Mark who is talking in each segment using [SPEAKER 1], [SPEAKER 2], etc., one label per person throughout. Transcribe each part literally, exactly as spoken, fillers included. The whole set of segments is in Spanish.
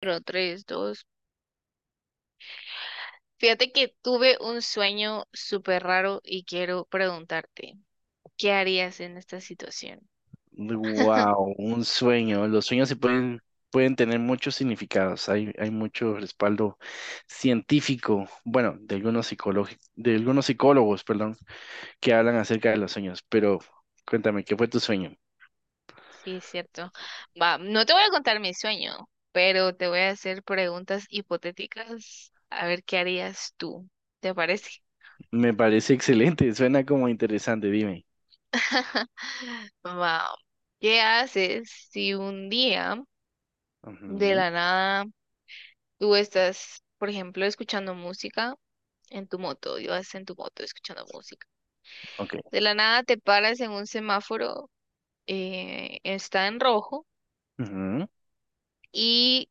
[SPEAKER 1] Pero tres, dos. Fíjate que tuve un sueño súper raro y quiero preguntarte, ¿qué harías en esta situación?
[SPEAKER 2] Wow, un sueño. Los sueños se pueden, pueden tener muchos significados. Hay, hay mucho respaldo científico, bueno, de algunos psicologi- de algunos psicólogos, perdón, que hablan acerca de los sueños. Pero cuéntame, ¿qué fue tu sueño?
[SPEAKER 1] Sí, es cierto. Va, no te voy a contar mi sueño, pero te voy a hacer preguntas hipotéticas a ver qué harías tú. ¿Te parece?
[SPEAKER 2] Me parece excelente, suena como interesante, dime.
[SPEAKER 1] Va, ¿qué haces si un día de
[SPEAKER 2] Ujú,
[SPEAKER 1] la nada tú estás, por ejemplo, escuchando música en tu moto, ibas en tu moto escuchando música?
[SPEAKER 2] ok.
[SPEAKER 1] De la nada te paras en un semáforo, eh, está en rojo
[SPEAKER 2] Ujú,
[SPEAKER 1] y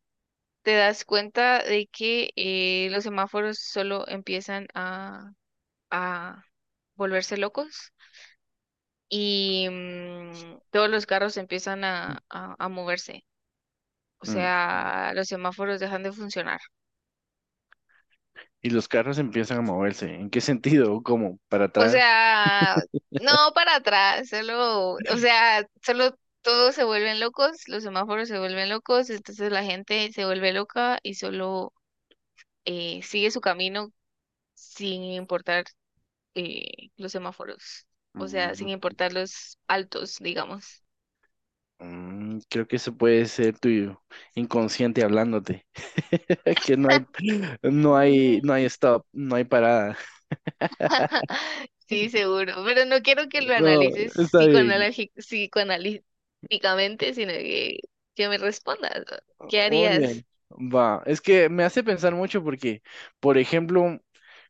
[SPEAKER 1] te das cuenta de que eh, los semáforos solo empiezan a, a volverse locos y mm, todos los carros empiezan a, a, a moverse. O
[SPEAKER 2] mm.
[SPEAKER 1] sea, los semáforos dejan de funcionar.
[SPEAKER 2] Y los carros empiezan a moverse. ¿En qué sentido? ¿Cómo? ¿Para
[SPEAKER 1] O
[SPEAKER 2] atrás?
[SPEAKER 1] sea, no para atrás, solo, o sea, solo todos se vuelven locos, los semáforos se vuelven locos, entonces la gente se vuelve loca y solo eh, sigue su camino sin importar eh, los semáforos, o sea, sin importar los altos, digamos.
[SPEAKER 2] Mm, creo que eso puede ser tu inconsciente hablándote. Que no hay, no hay, no
[SPEAKER 1] Mm.
[SPEAKER 2] hay stop, no hay parada.
[SPEAKER 1] Sí, seguro, pero no quiero que lo
[SPEAKER 2] No,
[SPEAKER 1] analices
[SPEAKER 2] está bien.
[SPEAKER 1] psicoanalagi- psicoanalíticamente, sino que, que me respondas, ¿no? ¿Qué
[SPEAKER 2] Muy bien.
[SPEAKER 1] harías?
[SPEAKER 2] Va. Es que me hace pensar mucho porque, por ejemplo,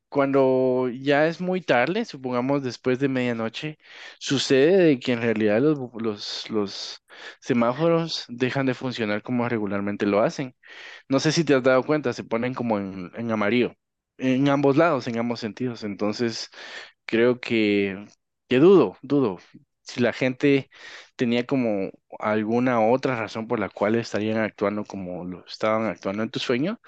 [SPEAKER 2] cuando ya es muy tarde, supongamos después de medianoche, sucede de que en realidad los, bu- los, los semáforos dejan de funcionar como regularmente lo hacen. No sé si te has dado cuenta, se ponen como en, en amarillo, en ambos lados, en ambos sentidos. Entonces, creo que, que dudo, dudo. Si la gente tenía como alguna otra razón por la cual estarían actuando como lo estaban actuando en tu sueño,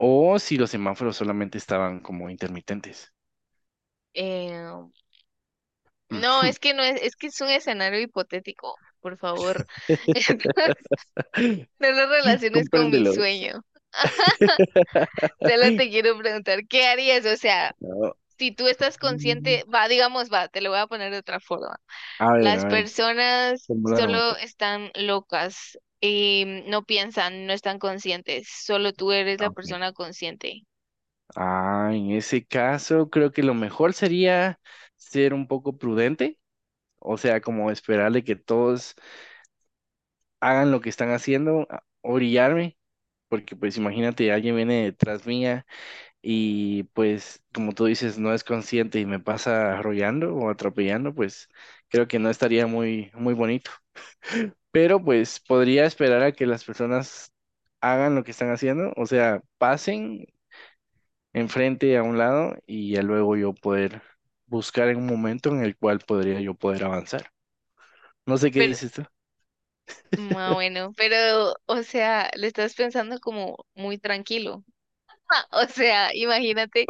[SPEAKER 2] o si los semáforos solamente estaban como intermitentes.
[SPEAKER 1] Eh, no,
[SPEAKER 2] Ujú.
[SPEAKER 1] es que no es, es que es un escenario hipotético, por favor. No lo relaciones con mi
[SPEAKER 2] Compréndelo.
[SPEAKER 1] sueño. Solo te quiero preguntar, ¿qué harías? O sea,
[SPEAKER 2] No.
[SPEAKER 1] si tú estás
[SPEAKER 2] Mm,
[SPEAKER 1] consciente, va, digamos, va, te lo voy a poner de otra forma.
[SPEAKER 2] A ver,
[SPEAKER 1] Las
[SPEAKER 2] a ver,
[SPEAKER 1] personas
[SPEAKER 2] formúlalo
[SPEAKER 1] solo
[SPEAKER 2] mejor.
[SPEAKER 1] están locas y no piensan, no están conscientes, solo tú eres
[SPEAKER 2] Ah,
[SPEAKER 1] la
[SPEAKER 2] ok.
[SPEAKER 1] persona consciente.
[SPEAKER 2] Ah, en ese caso, creo que lo mejor sería ser un poco prudente, o sea, como esperarle que todos hagan lo que están haciendo, a- orillarme, porque pues imagínate, alguien viene detrás mía y pues, como tú dices, no es consciente y me pasa arrollando o atropellando, pues creo que no estaría muy, muy bonito. Pero pues podría esperar a que las personas hagan lo que están haciendo, o sea, pasen enfrente a un lado y ya luego yo poder buscar en un momento en el cual podría yo poder avanzar. No sé qué
[SPEAKER 1] Pero,
[SPEAKER 2] dices tú.
[SPEAKER 1] ah, bueno, pero, o sea, le estás pensando como muy tranquilo. O sea, imagínate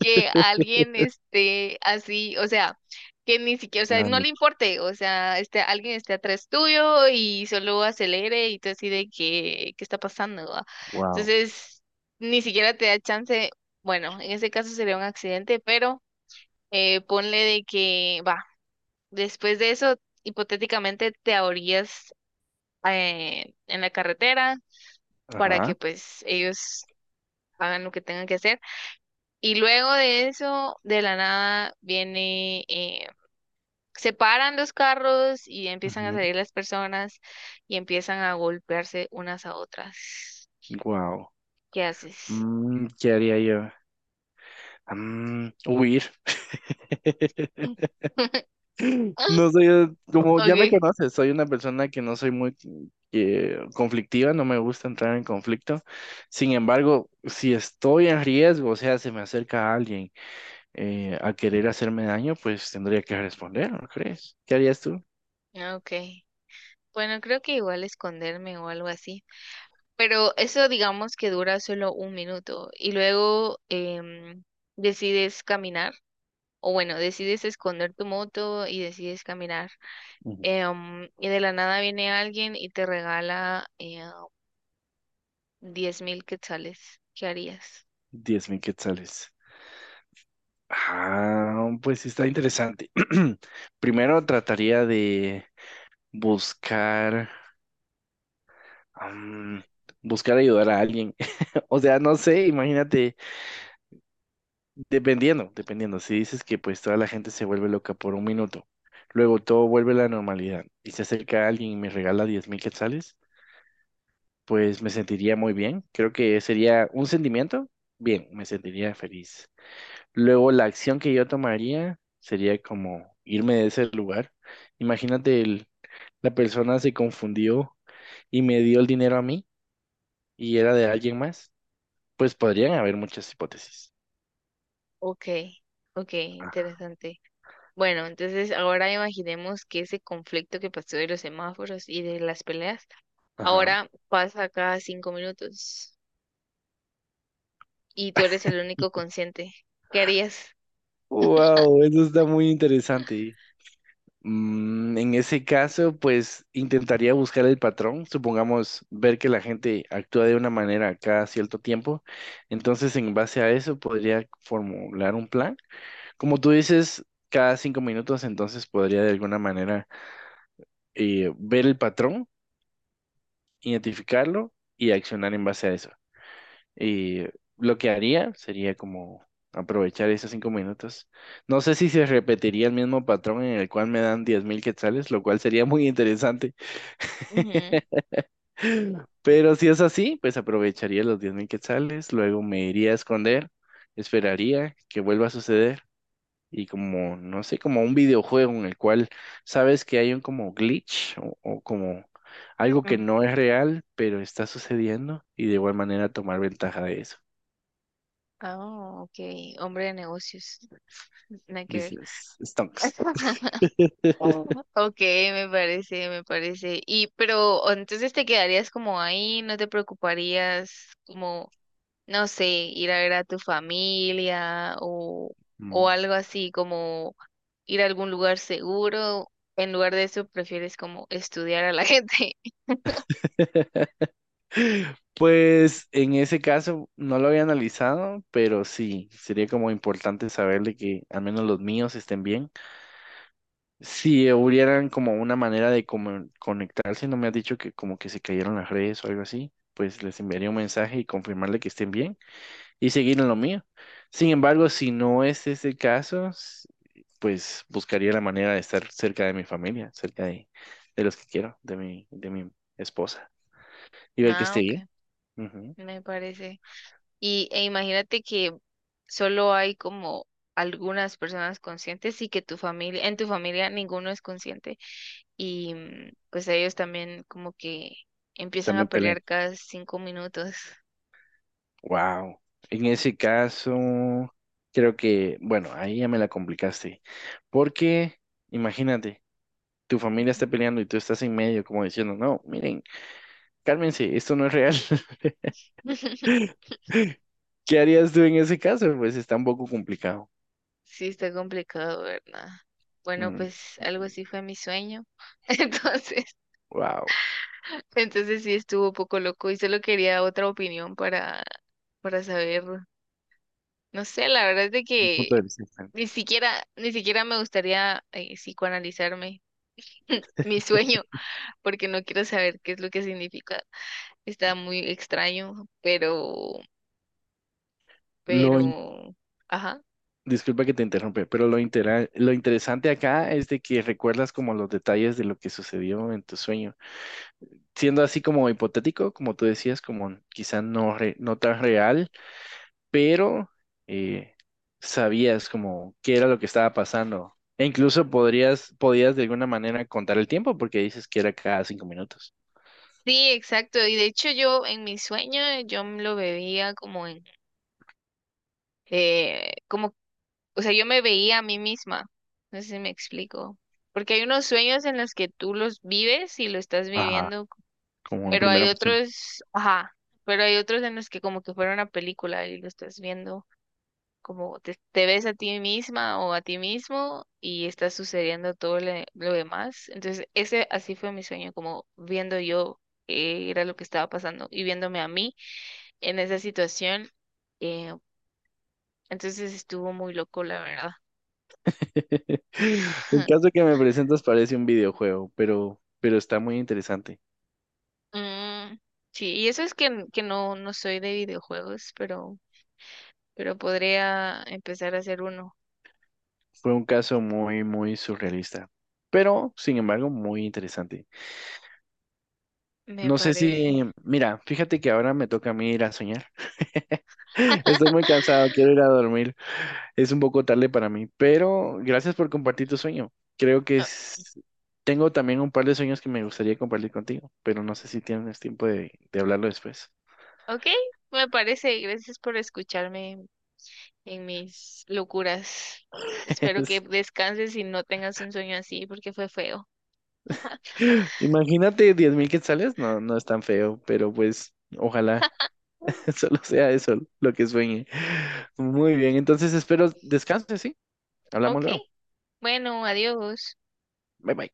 [SPEAKER 1] que alguien esté así, o sea, que ni siquiera, o sea, no le importe, o sea, este, alguien esté atrás tuyo y solo acelere y tú así de que, ¿qué está pasando?, ¿va?
[SPEAKER 2] wow.
[SPEAKER 1] Entonces, ni siquiera te da chance, bueno, en ese caso sería un accidente, pero eh, ponle de que, va, después de eso, hipotéticamente te ahorías eh, en la carretera para
[SPEAKER 2] Ajá.
[SPEAKER 1] que pues ellos hagan lo que tengan que hacer. Y luego de eso, de la nada, viene, eh, se paran los carros y empiezan a salir las personas y empiezan a golpearse unas a otras.
[SPEAKER 2] Wow.
[SPEAKER 1] ¿Qué haces?
[SPEAKER 2] ¿qué haría yo? Mm, huir. No soy, como ya me
[SPEAKER 1] Okay,
[SPEAKER 2] conoces, soy una persona que no soy muy eh, conflictiva, no me gusta entrar en conflicto. Sin embargo, si estoy en riesgo, o sea, se me acerca alguien eh, a querer hacerme daño, pues tendría que responder, ¿no crees? ¿Qué harías tú?
[SPEAKER 1] okay. Bueno, creo que igual esconderme o algo así. Pero eso digamos que dura solo un minuto y luego em, decides caminar. O bueno, decides esconder tu moto y decides caminar.
[SPEAKER 2] Ujú.
[SPEAKER 1] em, y de la nada viene alguien y te regala eh, diez mil quetzales. ¿Qué harías?
[SPEAKER 2] Diez mil quetzales. Ah, pues sí, está interesante. Primero trataría de buscar, am, buscar ayudar a alguien. O sea, no sé, imagínate, dependiendo, dependiendo. Si dices que pues toda la gente se vuelve loca por un minuto, luego todo vuelve a la normalidad y se acerca alguien y me regala diez mil quetzales, pues me sentiría muy bien. Creo que sería un sentimiento, bien, me sentiría feliz. Luego la acción que yo tomaría sería como irme de ese lugar. Imagínate, el- la persona se confundió y me dio el dinero a mí y era de alguien más. Pues podrían haber muchas hipótesis.
[SPEAKER 1] Ok, ok,
[SPEAKER 2] Ah,
[SPEAKER 1] interesante. Bueno, entonces ahora imaginemos que ese conflicto que pasó de los semáforos y de las peleas,
[SPEAKER 2] Ajá.
[SPEAKER 1] ahora pasa cada cinco minutos y tú eres el único consciente. ¿Qué harías?
[SPEAKER 2] Wow, eso está muy interesante. Mm, en ese caso, pues intentaría buscar el patrón, supongamos ver que la gente actúa de una manera cada cierto tiempo, entonces en base a eso podría formular un plan. Como tú dices, cada cinco minutos, entonces podría de alguna manera eh, ver el patrón, identificarlo y accionar en base a eso. Y lo que haría sería como aprovechar esos cinco minutos. No sé si se repetiría el mismo patrón en el cual me dan diez mil quetzales, lo cual sería muy interesante.
[SPEAKER 1] Ujú.
[SPEAKER 2] Pero si es así, pues aprovecharía los diez mil quetzales, luego me iría a esconder, esperaría que vuelva a suceder y como, no sé, como un videojuego en el cual sabes que hay un como glitch o, o como algo que
[SPEAKER 1] Mm.
[SPEAKER 2] no es real, pero está sucediendo y de igual manera tomar ventaja de eso.
[SPEAKER 1] Ah, ok, hombre de negocios, nada que ver.
[SPEAKER 2] Business stunks.
[SPEAKER 1] Oh, ok, me parece, me parece. Y pero o entonces te quedarías como ahí, no te preocuparías como, no sé, ir a ver a tu familia o, o
[SPEAKER 2] Mm.
[SPEAKER 1] algo así, como ir a algún lugar seguro. En lugar de eso, prefieres como estudiar a la gente.
[SPEAKER 2] Pues en ese caso no lo había analizado, pero sí, sería como importante saberle que al menos los míos estén bien si hubieran como una manera de como conectarse, no me ha dicho que como que se cayeron las redes o algo así, pues les enviaría un mensaje y confirmarle que estén bien y seguir en lo mío. Sin embargo, si no es ese el caso, s- pues buscaría la manera de estar cerca de mi familia, cerca de, de los que quiero, de mi, de mi esposa y ver que
[SPEAKER 1] Ah,
[SPEAKER 2] esté bien.
[SPEAKER 1] ok,
[SPEAKER 2] Ujú.
[SPEAKER 1] me parece. Y e imagínate que solo hay como algunas personas conscientes y que tu familia, en tu familia ninguno es consciente. Y mm, pues ellos también como que empiezan
[SPEAKER 2] También
[SPEAKER 1] a
[SPEAKER 2] peleé.
[SPEAKER 1] pelear cada cinco minutos.
[SPEAKER 2] Wow. En ese caso, creo que, bueno, ahí ya me la complicaste, porque imagínate. tu familia está peleando y tú estás en medio como diciendo, no, miren, cálmense, esto no es real. ¿Qué harías tú en ese caso? Pues está un poco complicado.
[SPEAKER 1] Sí, está complicado, ¿verdad? Bueno,
[SPEAKER 2] Mm,
[SPEAKER 1] pues algo así fue mi sueño. Entonces,
[SPEAKER 2] wow,
[SPEAKER 1] entonces sí estuvo un poco loco y solo quería otra opinión para, para saber. No sé, la verdad es de
[SPEAKER 2] un
[SPEAKER 1] que
[SPEAKER 2] punto de vista
[SPEAKER 1] ni
[SPEAKER 2] interesante.
[SPEAKER 1] siquiera, ni siquiera me gustaría eh, psicoanalizarme mi sueño, porque no quiero saber qué es lo que significa. Está muy extraño, pero
[SPEAKER 2] Lo in-
[SPEAKER 1] pero, ajá.
[SPEAKER 2] Disculpa que te interrumpe, pero lo, intera- lo interesante acá es de que recuerdas como los detalles de lo que sucedió en tu sueño. Siendo así como hipotético, como tú decías, como quizá no, re- no tan real, pero eh, sabías como qué era lo que estaba pasando. E incluso podrías, podías de alguna manera contar el tiempo porque dices que era cada cinco minutos.
[SPEAKER 1] Sí, exacto. Y de hecho yo en mis sueños yo me lo veía como en, eh, como, o sea, yo me veía a mí misma. No sé si me explico. Porque hay unos sueños en los que tú los vives y lo estás
[SPEAKER 2] Ajá,
[SPEAKER 1] viviendo,
[SPEAKER 2] como en
[SPEAKER 1] pero
[SPEAKER 2] primera
[SPEAKER 1] hay
[SPEAKER 2] persona.
[SPEAKER 1] otros, ajá, pero hay otros en los que como que fuera una película y lo estás viendo. Como te, te ves a ti misma o a ti mismo y está sucediendo todo le- lo demás. Entonces, ese así fue mi sueño, como viendo yo qué era lo que estaba pasando y viéndome a mí en esa situación. eh, entonces estuvo muy loco, la verdad.
[SPEAKER 2] El caso que me presentas parece un videojuego, pero, pero está muy interesante.
[SPEAKER 1] Mm, sí, y eso es que, n- que no, no soy de videojuegos, pero, pero podría empezar a hacer uno,
[SPEAKER 2] Fue un caso muy, muy surrealista, pero sin embargo muy interesante.
[SPEAKER 1] me
[SPEAKER 2] No sé
[SPEAKER 1] parece.
[SPEAKER 2] si, mira, fíjate que ahora me toca a mí ir a soñar. Estoy muy cansado, quiero ir a dormir. Es un poco tarde para mí, pero gracias por compartir tu sueño. Creo que
[SPEAKER 1] Ah,
[SPEAKER 2] es- tengo también un par de sueños que me gustaría compartir contigo, pero no sé si tienes tiempo de, de hablarlo después.
[SPEAKER 1] ok, me parece. Gracias por escucharme en mis locuras. Espero que descanses y no tengas un sueño así porque fue feo.
[SPEAKER 2] Es- Imagínate diez mil quetzales, no, no es tan feo, pero pues ojalá solo sea eso lo que sueñe. Muy bien, entonces espero descanses, ¿sí? Hablamos
[SPEAKER 1] Ok,
[SPEAKER 2] luego.
[SPEAKER 1] bueno, adiós.
[SPEAKER 2] Bye bye.